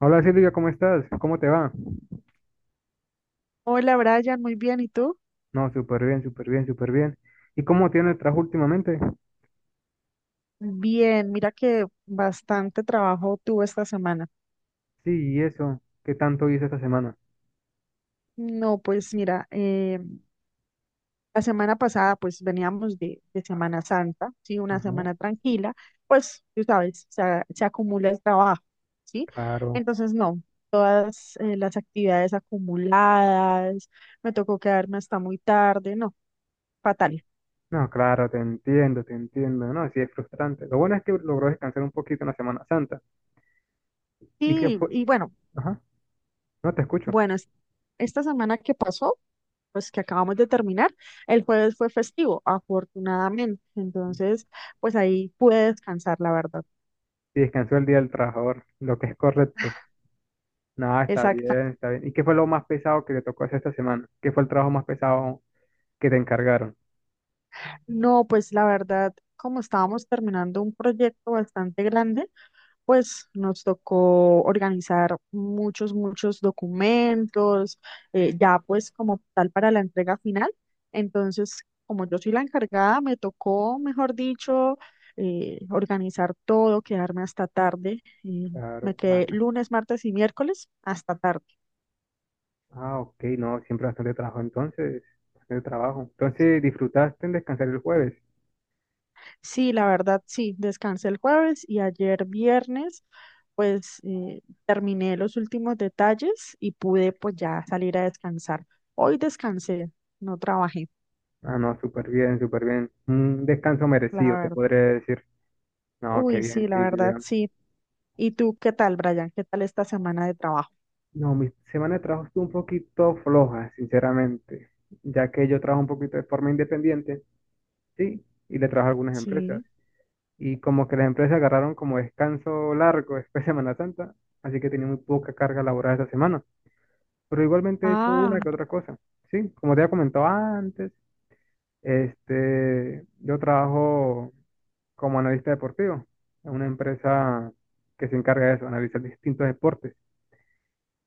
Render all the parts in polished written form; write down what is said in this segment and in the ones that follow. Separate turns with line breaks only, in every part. Hola Silvia, ¿cómo estás? ¿Cómo te va?
Hola Brian, muy bien. ¿Y tú?
No, súper bien, súper bien, súper bien. ¿Y cómo tiene el trabajo últimamente?
Bien, mira que bastante trabajo tuve esta semana.
Sí, y eso, ¿qué tanto hice esta semana?
No, pues mira, la semana pasada pues veníamos de Semana Santa, ¿sí? Una
Ajá,
semana tranquila, pues tú sabes, se acumula el trabajo, ¿sí?
claro.
Entonces no, todas las actividades acumuladas, me tocó quedarme hasta muy tarde, no, fatal.
No, claro, te entiendo, te entiendo. No, sí es frustrante. Lo bueno es que logró descansar un poquito en la Semana Santa. ¿Y qué
Sí,
fue?
y bueno,
Ajá, no te escucho.
Bueno, es- esta semana que pasó, pues que acabamos de terminar, el jueves fue festivo, afortunadamente. Entonces, pues ahí pude descansar, la verdad.
Sí, descansó el Día del Trabajador, lo que es correcto. No, está
Exacta.
bien, está bien. ¿Y qué fue lo más pesado que te tocó hacer esta semana? ¿Qué fue el trabajo más pesado que te encargaron?
No, pues la verdad, como estábamos terminando un proyecto bastante grande, pues nos tocó organizar muchos documentos, ya pues como tal para la entrega final. Entonces, como yo soy la encargada, me tocó, mejor dicho, organizar todo, quedarme hasta tarde. Me
Claro.
quedé lunes, martes y miércoles hasta tarde.
Ah, ok, no, siempre bastante trabajo. Entonces, ¿disfrutaste en descansar el jueves?
Sí, la verdad, sí, descansé el jueves y ayer viernes, pues terminé los últimos detalles y pude pues ya salir a descansar. Hoy descansé, no trabajé,
Ah, no, súper bien, súper bien. Un descanso
la
merecido, se
verdad.
podría decir. No, qué
Uy, sí,
bien,
la
sí, sí,
verdad,
ya.
sí. ¿Y tú qué tal, Brian? ¿Qué tal esta semana de trabajo?
No, mi semana de trabajo estuvo un poquito floja, sinceramente, ya que yo trabajo un poquito de forma independiente, sí, y le trabajo a algunas empresas.
Sí.
Y como que las empresas agarraron como descanso largo después de Semana Santa, así que tenía muy poca carga laboral esta semana. Pero igualmente he hecho
Ah,
una que otra cosa. Sí, como te había comentado antes, yo trabajo como analista deportivo en una empresa que se encarga de eso, analizar distintos deportes.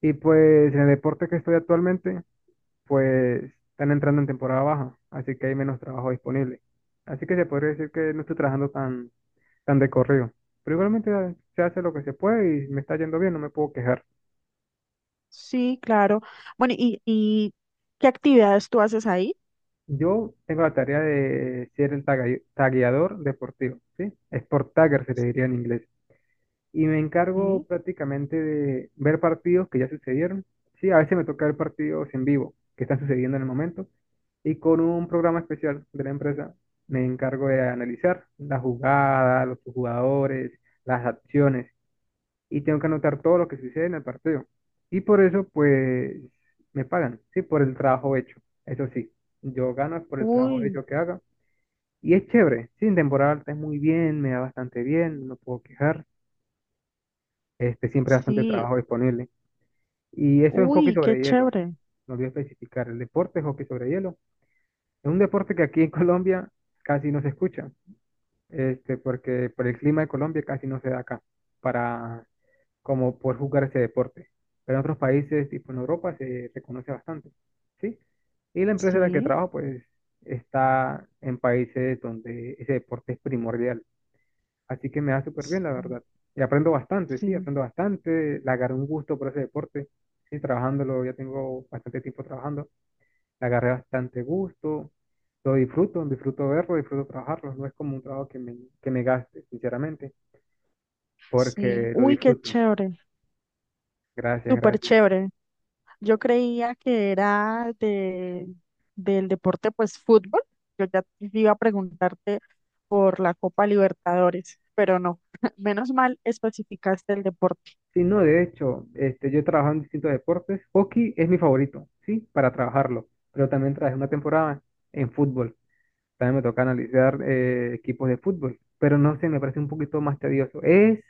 Y pues en el deporte que estoy actualmente, pues están entrando en temporada baja, así que hay menos trabajo disponible. Así que se podría decir que no estoy trabajando tan de corrido. Pero igualmente se hace lo que se puede y me está yendo bien, no me puedo quejar.
sí, claro. Bueno, ¿y qué actividades tú haces ahí?
Yo tengo la tarea de ser el tagueador deportivo, ¿sí? Sport tagger se le diría en inglés. Y me encargo
Sí.
prácticamente de ver partidos que ya sucedieron. Sí, a veces me toca ver partidos en vivo que están sucediendo en el momento y con un programa especial de la empresa me encargo de analizar la jugada, los jugadores, las acciones y tengo que anotar todo lo que sucede en el partido. Y por eso, pues, me pagan, sí, por el trabajo hecho. Eso sí, yo gano por el trabajo
Uy,
hecho que haga. Y es chévere, sí, en temporada alta es muy bien, me da bastante bien, no puedo quejar siempre hay bastante
sí.
trabajo disponible. Y eso en hockey
Uy, qué
sobre hielo,
chévere.
no olvidé especificar, el deporte es hockey sobre hielo. Es un deporte que aquí en Colombia casi no se escucha, porque por el clima de Colombia casi no se da acá para como poder jugar ese deporte. Pero en otros países, tipo en Europa, se reconoce bastante, ¿sí? Y la empresa en la que
Sí.
trabajo, pues, está en países donde ese deporte es primordial. Así que me da súper bien, la
Sí.
verdad. Y aprendo bastante, sí,
Sí.
aprendo bastante. Le agarré un gusto por ese deporte. Sí, trabajándolo, ya tengo bastante tiempo trabajando. Le agarré bastante gusto. Lo disfruto, disfruto verlo, disfruto trabajarlo. No es como un trabajo que me gaste, sinceramente,
Sí,
porque lo
uy, qué
disfruto.
chévere,
Gracias,
súper
gracias.
chévere. Yo creía que era del deporte, pues fútbol. Yo ya te iba a preguntarte por la Copa Libertadores, pero no. Menos mal especificaste el deporte.
Sí, no, de hecho, yo he trabajado en distintos deportes. Hockey es mi favorito, sí, para trabajarlo. Pero también trabajé una temporada en fútbol. También me toca analizar equipos de fútbol, pero no sé, me parece un poquito más tedioso. Es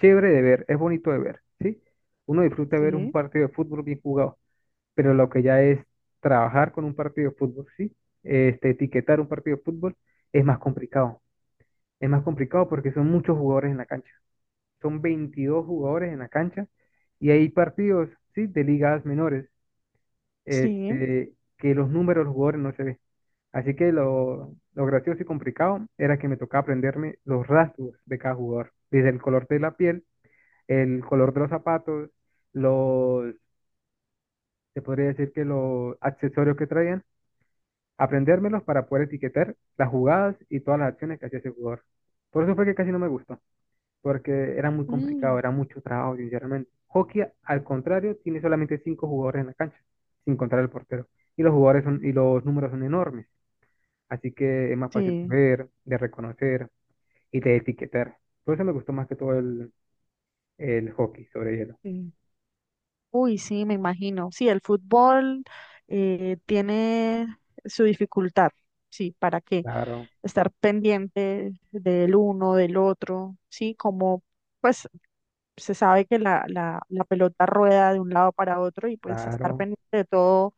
chévere de ver, es bonito de ver, ¿sí? Uno disfruta ver un
Sí,
partido de fútbol bien jugado, pero lo que ya es trabajar con un partido de fútbol, ¿sí? Etiquetar un partido de fútbol es más complicado. Es más complicado porque son muchos jugadores en la cancha. Son 22 jugadores en la cancha y hay partidos, ¿sí? De ligas menores,
sí,
que los números de los jugadores no se ven. Así que lo gracioso y complicado era que me tocaba aprenderme los rasgos de cada jugador, desde el color de la piel, el color de los zapatos, los, se podría decir que los accesorios que traían, aprendérmelos para poder etiquetar las jugadas y todas las acciones que hacía ese jugador. Por eso fue que casi no me gustó, porque era muy complicado,
mm,
era mucho trabajo, sinceramente. Hockey, al contrario, tiene solamente cinco jugadores en la cancha, sin contar el portero. Y los jugadores son, y los números son enormes. Así que es más fácil de
sí,
ver, de reconocer y de etiquetar. Por eso me gustó más que todo el hockey sobre hielo.
sí. Uy, sí, me imagino. Sí, el fútbol tiene su dificultad, sí, ¿para qué?
Claro,
Estar pendiente del uno, del otro, sí, como pues se sabe que la pelota rueda de un lado para otro y pues estar
claro.
pendiente de todo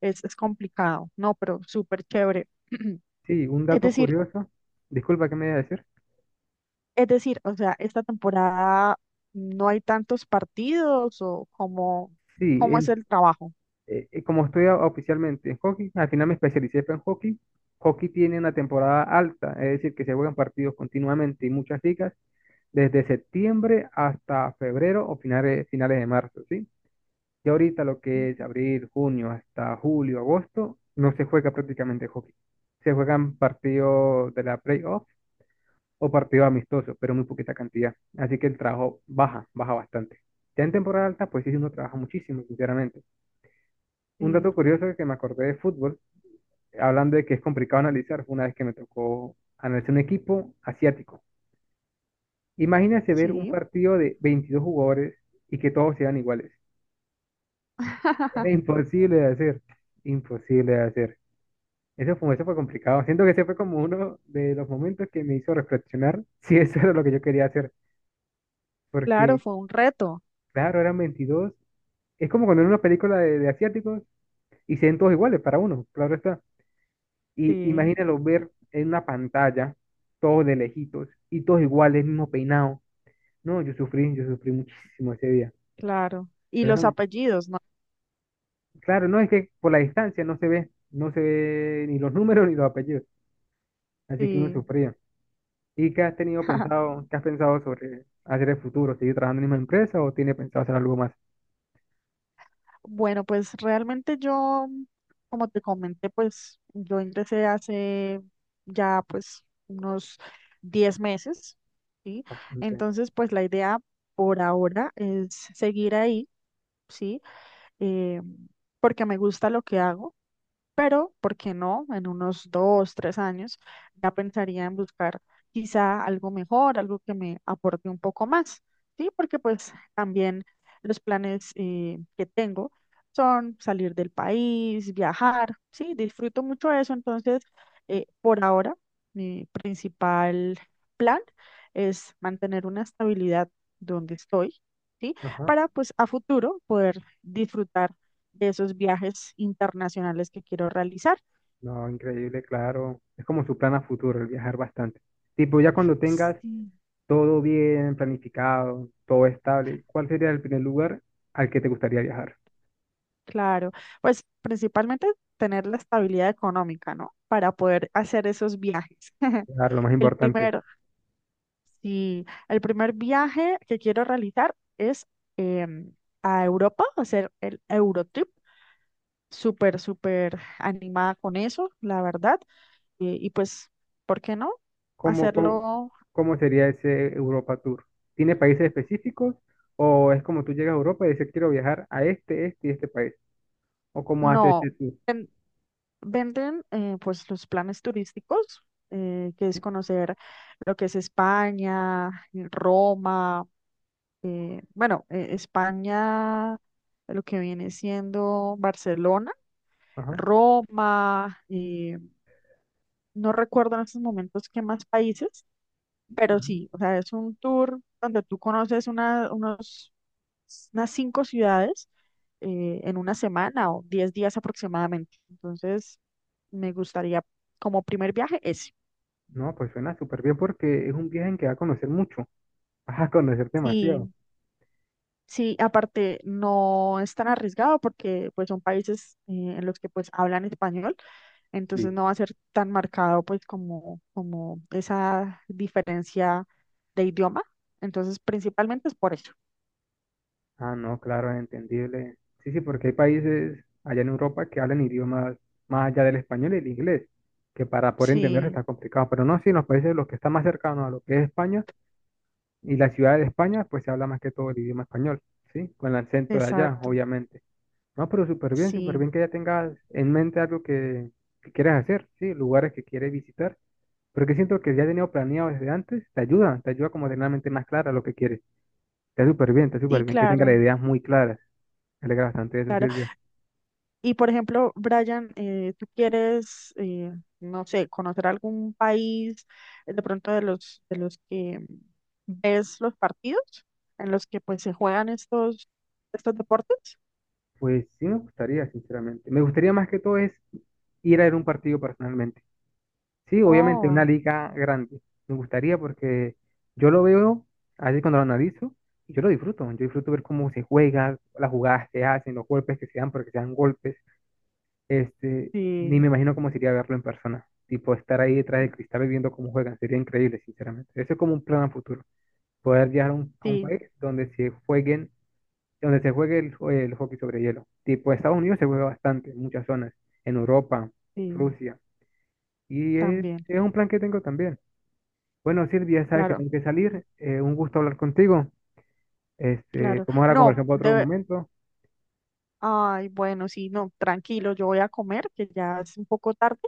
es complicado, ¿no? Pero súper chévere.
Sí, un
Es
dato
decir,
curioso. Disculpa, ¿qué me iba a decir?
es decir, o sea, esta temporada no hay tantos partidos o cómo
Sí,
es el trabajo.
como estoy oficialmente en hockey, al final me especialicé fue en hockey. Hockey tiene una temporada alta, es decir, que se juegan partidos continuamente y muchas ligas desde septiembre hasta febrero o finales de marzo, ¿sí? Y ahorita lo que es
Ujú.
abril, junio, hasta julio, agosto, no se juega prácticamente hockey. Se juegan partidos de la playoff o partidos amistosos, pero muy poquita cantidad. Así que el trabajo baja bastante. Ya en temporada alta, pues sí, uno trabaja muchísimo, sinceramente. Un
Sí.
dato curioso que me acordé de fútbol, hablando de que es complicado analizar, fue una vez que me tocó analizar un equipo asiático. Imagínese ver un
Sí.
partido de 22 jugadores y que todos sean iguales. Era imposible de hacer, imposible de hacer. Ese fue complicado. Siento que ese fue como uno de los momentos que me hizo reflexionar si eso era lo que yo quería hacer.
Claro,
Porque,
fue un reto.
claro, eran 22. Es como cuando en una película de asiáticos y se ven todos iguales para uno, claro está. Y
Sí,
imagínalo ver en una pantalla, todos de lejitos y todos iguales, mismo peinado. No, yo sufrí muchísimo ese día.
claro. Y
Pero
los apellidos, ¿no?
claro, no es que por la distancia no se ve, ni los números ni los apellidos. Así que uno
Sí.
sufría. ¿Y qué has pensado sobre hacer el futuro? ¿Seguir trabajando en la misma empresa o tiene pensado hacer algo más?
Bueno, pues realmente yo, como te comenté, pues yo ingresé hace ya pues unos 10 meses, ¿sí?
Bastante.
Entonces, pues la idea por ahora es seguir ahí, ¿sí? Eh, porque me gusta lo que hago. Pero, ¿por qué no? En unos 2, 3 años ya pensaría en buscar quizá algo mejor, algo que me aporte un poco más, ¿sí? Porque pues también los planes que tengo son salir del país, viajar, ¿sí? Disfruto mucho eso, entonces, por ahora, mi principal plan es mantener una estabilidad donde estoy, ¿sí?
Ajá.
Para pues a futuro poder disfrutar de esos viajes internacionales que quiero realizar.
No, increíble, claro. Es como su plan a futuro, el viajar bastante. Tipo, ya cuando tengas
Sí.
todo bien planificado, todo estable, ¿cuál sería el primer lugar al que te gustaría viajar?
Claro, pues principalmente tener la estabilidad económica, ¿no? Para poder hacer esos viajes.
Claro, lo más
El
importante.
primer, sí, el primer viaje que quiero realizar es em, a Europa, hacer el Eurotrip. Súper, súper animada con eso, la verdad. Y pues, ¿por qué no?
¿Cómo, cómo,
Hacerlo,
cómo sería ese Europa Tour? ¿Tiene países específicos o es como tú llegas a Europa y dices quiero viajar a este, este y este país? ¿O cómo haces
no.
ese tour?
Venden pues los planes turísticos, que es conocer lo que es España, Roma, bueno, España, lo que viene siendo Barcelona,
Ajá.
Roma, no recuerdo en estos momentos qué más países, pero
Ujú.
sí, o sea, es un tour donde tú conoces unas 5 ciudades en una semana o 10 días aproximadamente. Entonces, me gustaría como primer viaje ese.
No, pues suena súper bien porque es un viaje en que va a conocer mucho, vas a conocer demasiado.
Y sí, aparte no es tan arriesgado porque pues son países en los que pues hablan español, entonces
Sí,
no va a ser tan marcado pues como esa diferencia de idioma. Entonces, principalmente es por eso.
ah, no, claro, entendible. Sí, sí, porque hay países allá en Europa que hablan idiomas más allá del español y el inglés, que para poder entenderse
Sí,
está complicado, pero no, sí, en los países de los que están más cercanos a lo que es España y la ciudad de España, pues se habla más que todo el idioma español, ¿sí? Con el acento de allá,
exacto.
obviamente. No, pero súper
Sí,
bien que ya tengas en mente algo que quieres hacer, ¿sí? Lugares que quieres visitar. Porque siento que ya tenido planeado desde antes, te ayuda como a tener la mente más clara lo que quieres. Está
y
súper bien, que tenga las
claro.
ideas muy claras. Me alegra bastante eso,
Claro.
Silvia.
Y por ejemplo, Brian, tú quieres, no sé, conocer algún país de pronto de los que ves los partidos en los que pues se juegan estos deportes.
Pues sí me gustaría, sinceramente. Me gustaría más que todo es ir a ver un partido personalmente. Sí, obviamente una
Oh,
liga grande. Me gustaría porque yo lo veo, así cuando lo analizo, y yo lo disfruto. Yo disfruto ver cómo se juega, las jugadas que hacen, los golpes que se dan, porque se dan golpes. Este, Ni
sí,
me imagino cómo sería verlo en persona. Tipo, estar ahí detrás del cristal y viendo cómo juegan. Sería increíble, sinceramente. Eso es como un plan a futuro. Poder llegar a un
sí,
país donde se jueguen, donde se juegue el hockey sobre hielo. Tipo, Estados Unidos se juega bastante, en muchas zonas. En Europa,
sí,
Rusia. Y es,
también,
es un plan que tengo también. Bueno, Silvia, sabes que
claro,
tengo que salir. Un gusto hablar contigo.
claro.
Podemos ahora
No,
conversar por otro
de,
momento.
ay, bueno, sí, no, tranquilo, yo voy a comer, que ya es un poco tarde,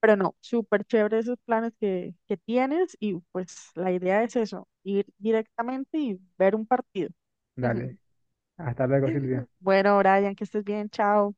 pero no, súper chévere esos planes que tienes y pues la idea es eso, ir directamente y ver un partido.
Dale. Hasta luego, Silvia.
Bueno, Brian, que estés bien, chao.